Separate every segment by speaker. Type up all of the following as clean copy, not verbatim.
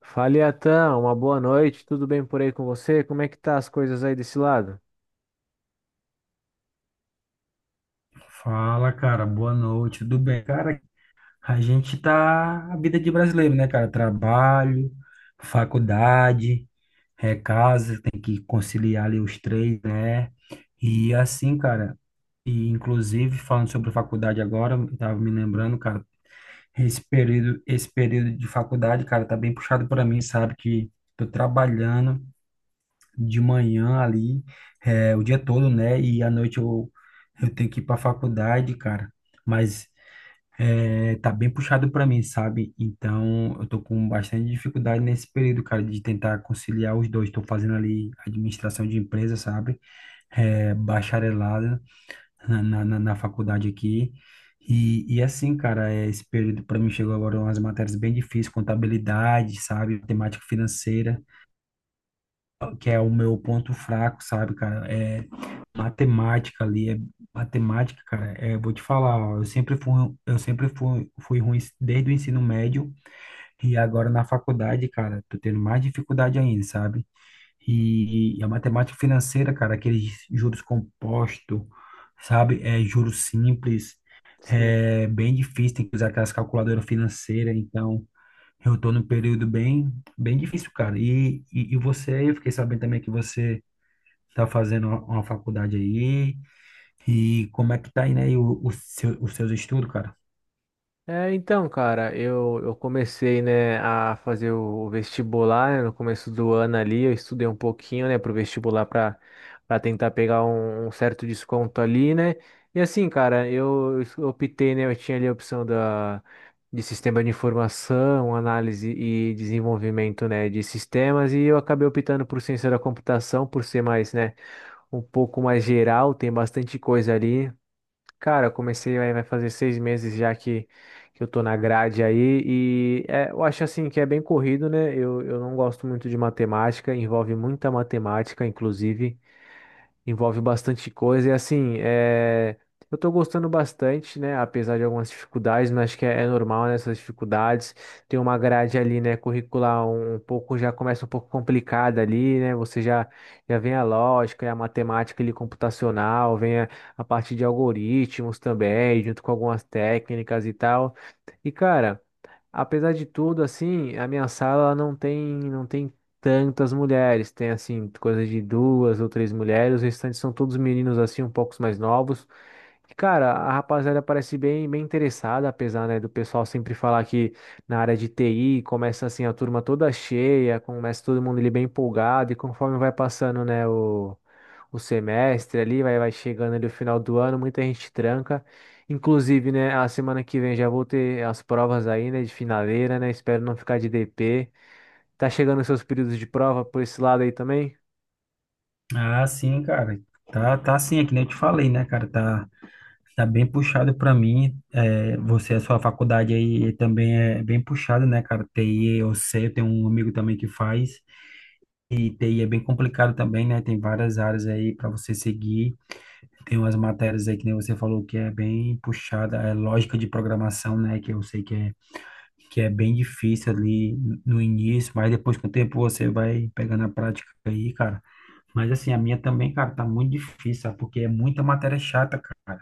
Speaker 1: Fala, Iatan, uma boa noite, tudo bem por aí com você? Como é que tá as coisas aí desse lado?
Speaker 2: Fala, cara, boa noite, tudo bem? Cara, a gente tá a vida de brasileiro, né, cara? Trabalho, faculdade, casa, tem que conciliar ali os três, né? E assim, cara, e inclusive falando sobre faculdade agora, eu tava me lembrando, cara, esse período de faculdade, cara, tá bem puxado para mim, sabe? Que tô trabalhando de manhã ali, o dia todo, né? E à noite eu tenho que ir pra faculdade, cara. Mas tá bem puxado para mim, sabe? Então, eu tô com bastante dificuldade nesse período, cara, de tentar conciliar os dois. Tô fazendo ali administração de empresa, sabe? Bacharelado na faculdade aqui. E assim, cara, esse período para mim chegou agora umas matérias bem difíceis, contabilidade, sabe? Matemática financeira que é o meu ponto fraco, sabe, cara? É matemática ali, é matemática, cara. Vou te falar, ó, eu sempre fui ruim desde o ensino médio e agora na faculdade, cara, tô tendo mais dificuldade ainda, sabe? E a matemática financeira, cara, aqueles juros compostos, sabe? É juros simples,
Speaker 1: Sim.
Speaker 2: é bem difícil, tem que usar aquelas calculadoras financeiras, então. Eu tô num período bem, bem difícil, cara. E você, eu fiquei sabendo também que você tá fazendo uma faculdade aí. E como é que tá aí, né? E os seus estudos, cara?
Speaker 1: É, então, cara, eu comecei, né, a fazer o vestibular, né, no começo do ano ali, eu estudei um pouquinho, né, pro vestibular para tentar pegar um certo desconto ali, né, e assim, cara, eu optei, né, eu tinha ali a opção da, de sistema de informação, análise e desenvolvimento, né, de sistemas, e eu acabei optando por ciência da computação, por ser mais, né, um pouco mais geral, tem bastante coisa ali. Cara, eu comecei, aí vai fazer 6 meses já que eu tô na grade aí, e é, eu acho assim que é bem corrido, né? Eu não gosto muito de matemática, envolve muita matemática, inclusive envolve bastante coisa. E assim, é, eu tô gostando bastante, né? Apesar de algumas dificuldades, mas acho que é normal, né, essas dificuldades. Tem uma grade ali, né, curricular um pouco, já começa um pouco complicada ali, né? Você já vem a lógica, a matemática ali computacional, vem a parte de algoritmos também, junto com algumas técnicas e tal. E, cara. Apesar de tudo, assim, a minha sala ela não tem tantas mulheres. Tem, assim, coisa de duas ou três mulheres. Os restantes são todos meninos, assim, um pouco mais novos. Cara, a rapaziada parece bem, bem interessada, apesar, né, do pessoal sempre falar que na área de TI começa assim a turma toda cheia, começa todo mundo ali bem empolgado e conforme vai passando, né, o semestre ali, vai chegando ali o final do ano, muita gente tranca. Inclusive, né, a semana que vem já vou ter as provas aí, né, de finaleira, né, espero não ficar de DP. Tá chegando os seus períodos de prova por esse lado aí também?
Speaker 2: Ah, sim, cara. Tá, tá sim, é que nem eu te falei, né, cara? Tá, tá bem puxado pra mim. É, você, a sua faculdade aí também é bem puxada, né, cara? TI, eu sei, eu tenho um amigo também que faz. E TI é bem complicado também, né? Tem várias áreas aí pra você seguir. Tem umas matérias aí que nem você falou que é bem puxada, é lógica de programação, né? Que eu sei que é bem difícil ali no início, mas depois com o tempo você vai pegando a prática aí, cara. Mas assim, a minha também, cara, tá muito difícil, sabe? Porque é muita matéria chata, cara.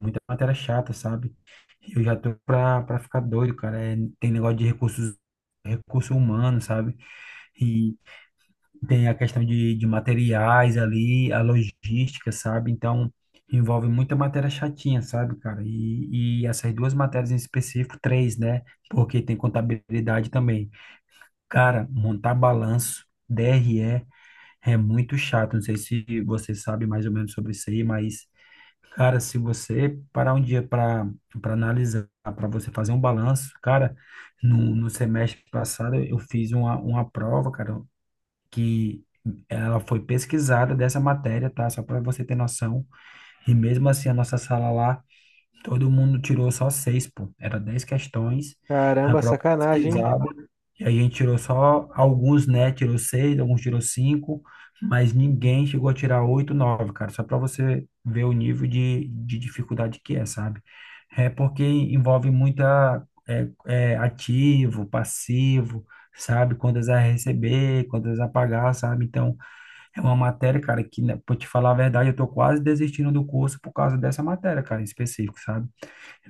Speaker 2: Muita matéria chata, sabe? Eu já tô pra ficar doido, cara. Tem negócio de recurso humano, sabe? E tem a questão de materiais ali, a logística, sabe? Então, envolve muita matéria chatinha, sabe, cara? E essas duas matérias em específico, três, né? Porque tem contabilidade também. Cara, montar balanço, DRE, é muito chato. Não sei se você sabe mais ou menos sobre isso aí, mas, cara, se você parar um dia para analisar, para você fazer um balanço, cara, no, no semestre passado eu fiz uma prova, cara, que ela foi pesquisada dessa matéria, tá? Só para você ter noção. E mesmo assim, a nossa sala lá, todo mundo tirou só seis, pô. Era 10 questões, a
Speaker 1: Caramba,
Speaker 2: prova
Speaker 1: sacanagem, hein?
Speaker 2: pesquisada. E a gente tirou só alguns, né? Tirou seis, alguns tirou cinco, mas ninguém chegou a tirar oito, nove, cara. Só para você ver o nível de dificuldade que é, sabe? É porque envolve muita ativo, passivo, sabe? Quantas a receber, quantas a pagar, sabe? Então, é uma matéria, cara, que, né, pra te falar a verdade, eu tô quase desistindo do curso por causa dessa matéria, cara, em específico, sabe?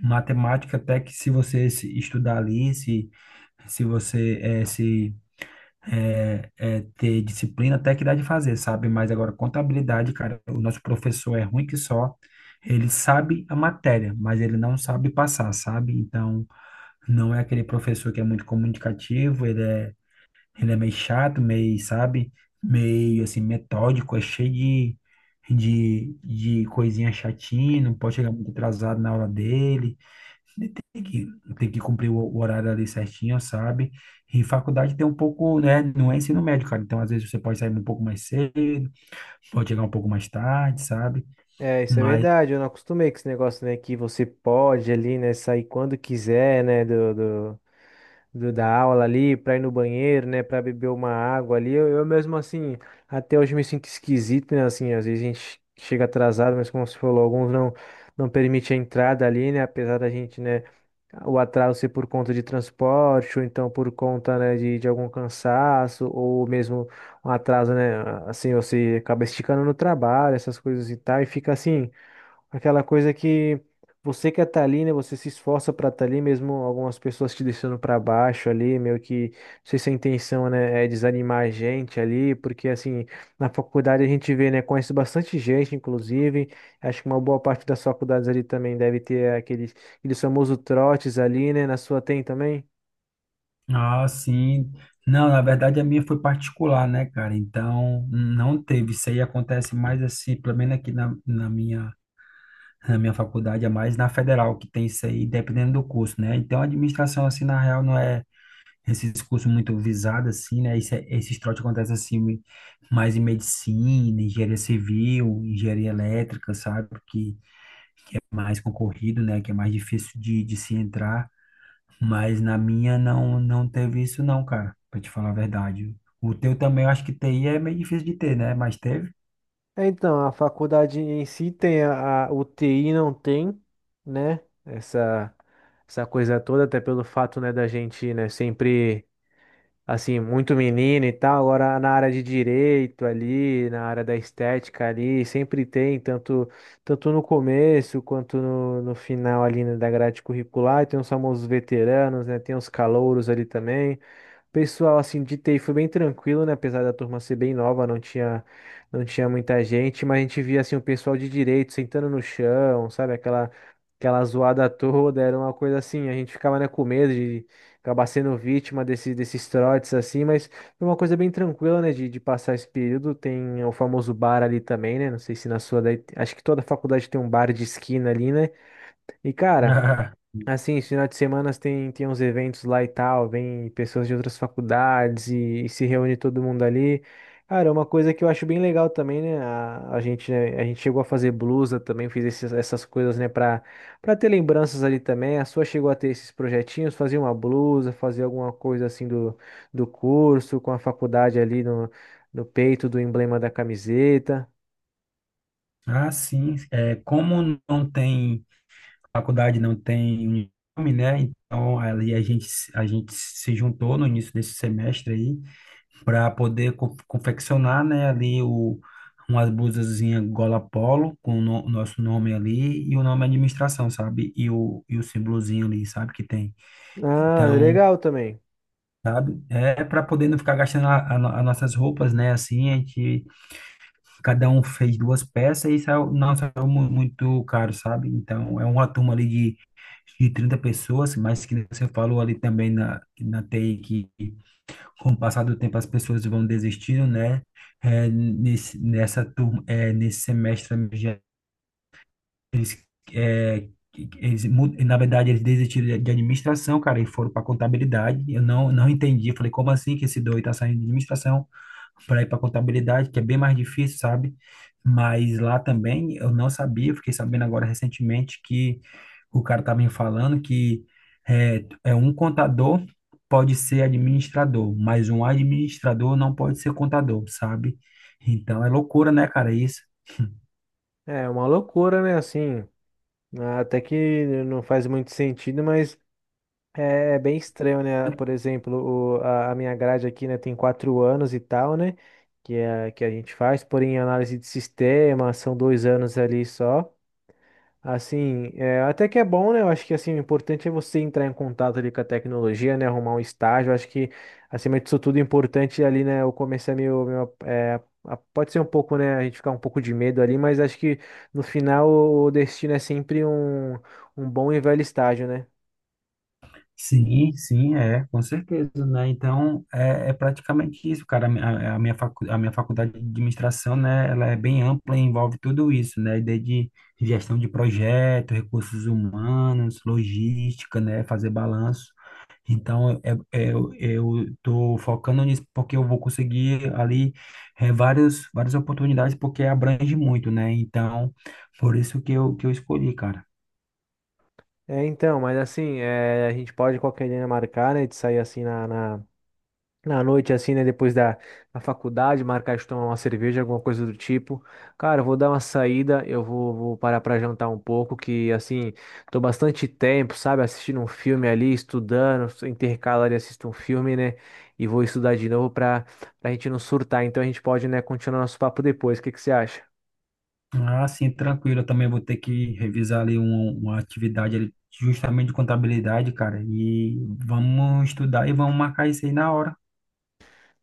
Speaker 2: Matemática, até que se você se estudar ali, se você se eh, eh, ter disciplina, até que dá de fazer, sabe? Mas agora, contabilidade, cara, o nosso professor é ruim que só. Ele sabe a matéria, mas ele não sabe passar, sabe? Então, não é aquele professor que é muito comunicativo, ele é meio chato, meio, sabe? Meio assim, metódico, é cheio de coisinha chatinha, não pode chegar muito atrasado na aula dele. Ele tem que cumprir o horário ali certinho, sabe? E faculdade tem um pouco, né? Não é ensino médio, cara. Então, às vezes, você pode sair um pouco mais cedo, pode chegar um pouco mais tarde, sabe?
Speaker 1: É, isso é
Speaker 2: Mas,
Speaker 1: verdade. Eu não acostumei com esse negócio, né? Que você pode ali, né? Sair quando quiser, né? Da aula ali, pra ir no banheiro, né? Pra beber uma água ali. Eu mesmo, assim, até hoje me sinto esquisito, né? Assim, às vezes a gente chega atrasado, mas como você falou, alguns não, não permite a entrada ali, né? Apesar da gente, né? O atraso ser por conta de transporte, ou então por conta, né? De algum cansaço, ou mesmo um atraso, né? Assim, você acaba esticando no trabalho, essas coisas e tal, e fica assim. Aquela coisa que você quer estar ali, né? Você se esforça para estar ali, mesmo algumas pessoas te deixando para baixo ali, meio que, não sei se a intenção, né, é desanimar a gente ali, porque assim, na faculdade a gente vê, né, conhece bastante gente, inclusive, acho que uma boa parte das faculdades ali também deve ter aqueles, famosos trotes ali, né? Na sua tem também?
Speaker 2: ah, sim. Não, na verdade a minha foi particular, né, cara? Então não teve. Isso aí acontece mais assim, pelo menos aqui na, na minha A minha faculdade é mais na federal, que tem isso aí, dependendo do curso, né? Então, a administração, assim, na real, não é esses cursos muito visados, assim, né? Esse, esses trotes acontecem, assim, mais em medicina, engenharia civil, engenharia elétrica, sabe? Que é mais concorrido, né? Que é mais difícil de se entrar. Mas na minha, não, não teve isso, não, cara, pra te falar a verdade. O teu também, eu acho que TI é meio difícil de ter, né? Mas teve.
Speaker 1: É, então, a faculdade em si tem, a, UTI não tem, né? Essa, essa coisa toda, até pelo fato, né, da gente, né, sempre, assim, muito menino e tal. Agora na área de direito ali, na área da estética ali, sempre tem, tanto no começo quanto no final ali, né, da grade curricular. E tem os famosos veteranos, né? Tem os calouros ali também. Pessoal, assim, de TI foi bem tranquilo, né? Apesar da turma ser bem nova, não tinha, muita gente, mas a gente via, assim, o pessoal de direito sentando no chão, sabe? Aquela zoada toda, era uma coisa assim, a gente ficava, né, com medo de acabar sendo vítima desse, desses trotes, assim, mas foi uma coisa bem tranquila, né, de passar esse período. Tem o famoso bar ali também, né? Não sei se na sua, daí, acho que toda faculdade tem um bar de esquina ali, né? E, cara. Assim, esse final de semana tem, uns eventos lá e tal, vem pessoas de outras faculdades e se reúne todo mundo ali. Cara, é uma coisa que eu acho bem legal também, né? A gente, né, a gente chegou a fazer blusa também, fiz essas coisas, né, pra, ter lembranças ali também. A sua chegou a ter esses projetinhos, fazer uma blusa, fazer alguma coisa assim do, curso, com a faculdade ali no peito do emblema da camiseta.
Speaker 2: Ah, sim. Como não tem faculdade não tem um nome, né? Então ali a gente se juntou no início desse semestre aí para poder confeccionar, né, ali umas blusazinha gola polo com o nosso nome ali e o nome administração, sabe? E o símbolozinho ali, sabe, que tem.
Speaker 1: Ah,
Speaker 2: Então,
Speaker 1: legal também.
Speaker 2: sabe? É para poder não ficar gastando as nossas roupas, né? Assim, a gente cada um fez duas peças e saiu, não saiu muito caro, sabe? Então, é uma turma ali de 30 pessoas, mas que nem você falou ali também na, na TI que com o passar do tempo as pessoas vão desistindo, né? Nessa turma, nesse semestre eles, é, eles, mu- na verdade, eles desistiram de administração, cara, e foram para contabilidade. Eu não entendi. Eu falei, como assim que esse doido tá saindo de administração para ir para contabilidade, que é bem mais difícil, sabe? Mas lá também eu não sabia. Fiquei sabendo agora recentemente que o cara tá me falando que um contador pode ser administrador, mas um administrador não pode ser contador, sabe? Então é loucura, né, cara? Isso.
Speaker 1: É uma loucura, né? Assim. Ah, até que não faz muito sentido, mas é bem estranho, né? Por exemplo, o- a minha grade aqui, né, tem 4 anos e tal, né? Que a gente faz, porém, análise de sistema, são 2 anos ali só. Assim, é, até que é bom, né? Eu acho que assim, o importante é você entrar em contato ali com a tecnologia, né? Arrumar um estágio. Eu acho que, acima disso tudo, o importante ali, né? Eu comecei a meio, meu é, pode ser um pouco, né? A gente ficar um pouco de medo ali, mas acho que no final o destino é sempre um bom e velho estágio, né?
Speaker 2: Sim, sim, é, com certeza, né? Então, é, é praticamente isso, cara. A minha faculdade de administração, né, ela é bem ampla e envolve tudo isso, né? Desde gestão de projeto, recursos humanos, logística, né, fazer balanço. Então, eu tô focando nisso porque eu vou conseguir ali várias oportunidades, porque abrange muito, né? Então, por isso que eu escolhi, cara.
Speaker 1: É, então, mas assim, é, a gente pode qualquer dia marcar, né? De sair assim na noite, assim, né? Depois da, faculdade, marcar de tomar uma cerveja, alguma coisa do tipo. Cara, eu vou dar uma saída, eu vou parar pra jantar um pouco, que, assim, tô bastante tempo, sabe? Assistindo um filme ali, estudando, intercalo ali, assisto um filme, né? E vou estudar de novo pra gente não surtar. Então a gente pode, né, continuar nosso papo depois. O que que você acha?
Speaker 2: Ah, sim, tranquilo. Eu também vou ter que revisar ali uma atividade ali, justamente de contabilidade, cara. E vamos estudar e vamos marcar isso aí na hora.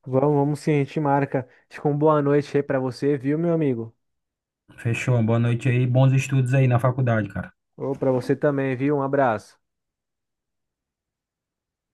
Speaker 1: Vamos, vamos sim, a gente marca. Fica uma boa noite aí pra você, viu, meu amigo?
Speaker 2: Fechou. Boa noite aí. Bons estudos aí na faculdade, cara.
Speaker 1: Ou pra você também, viu? Um abraço.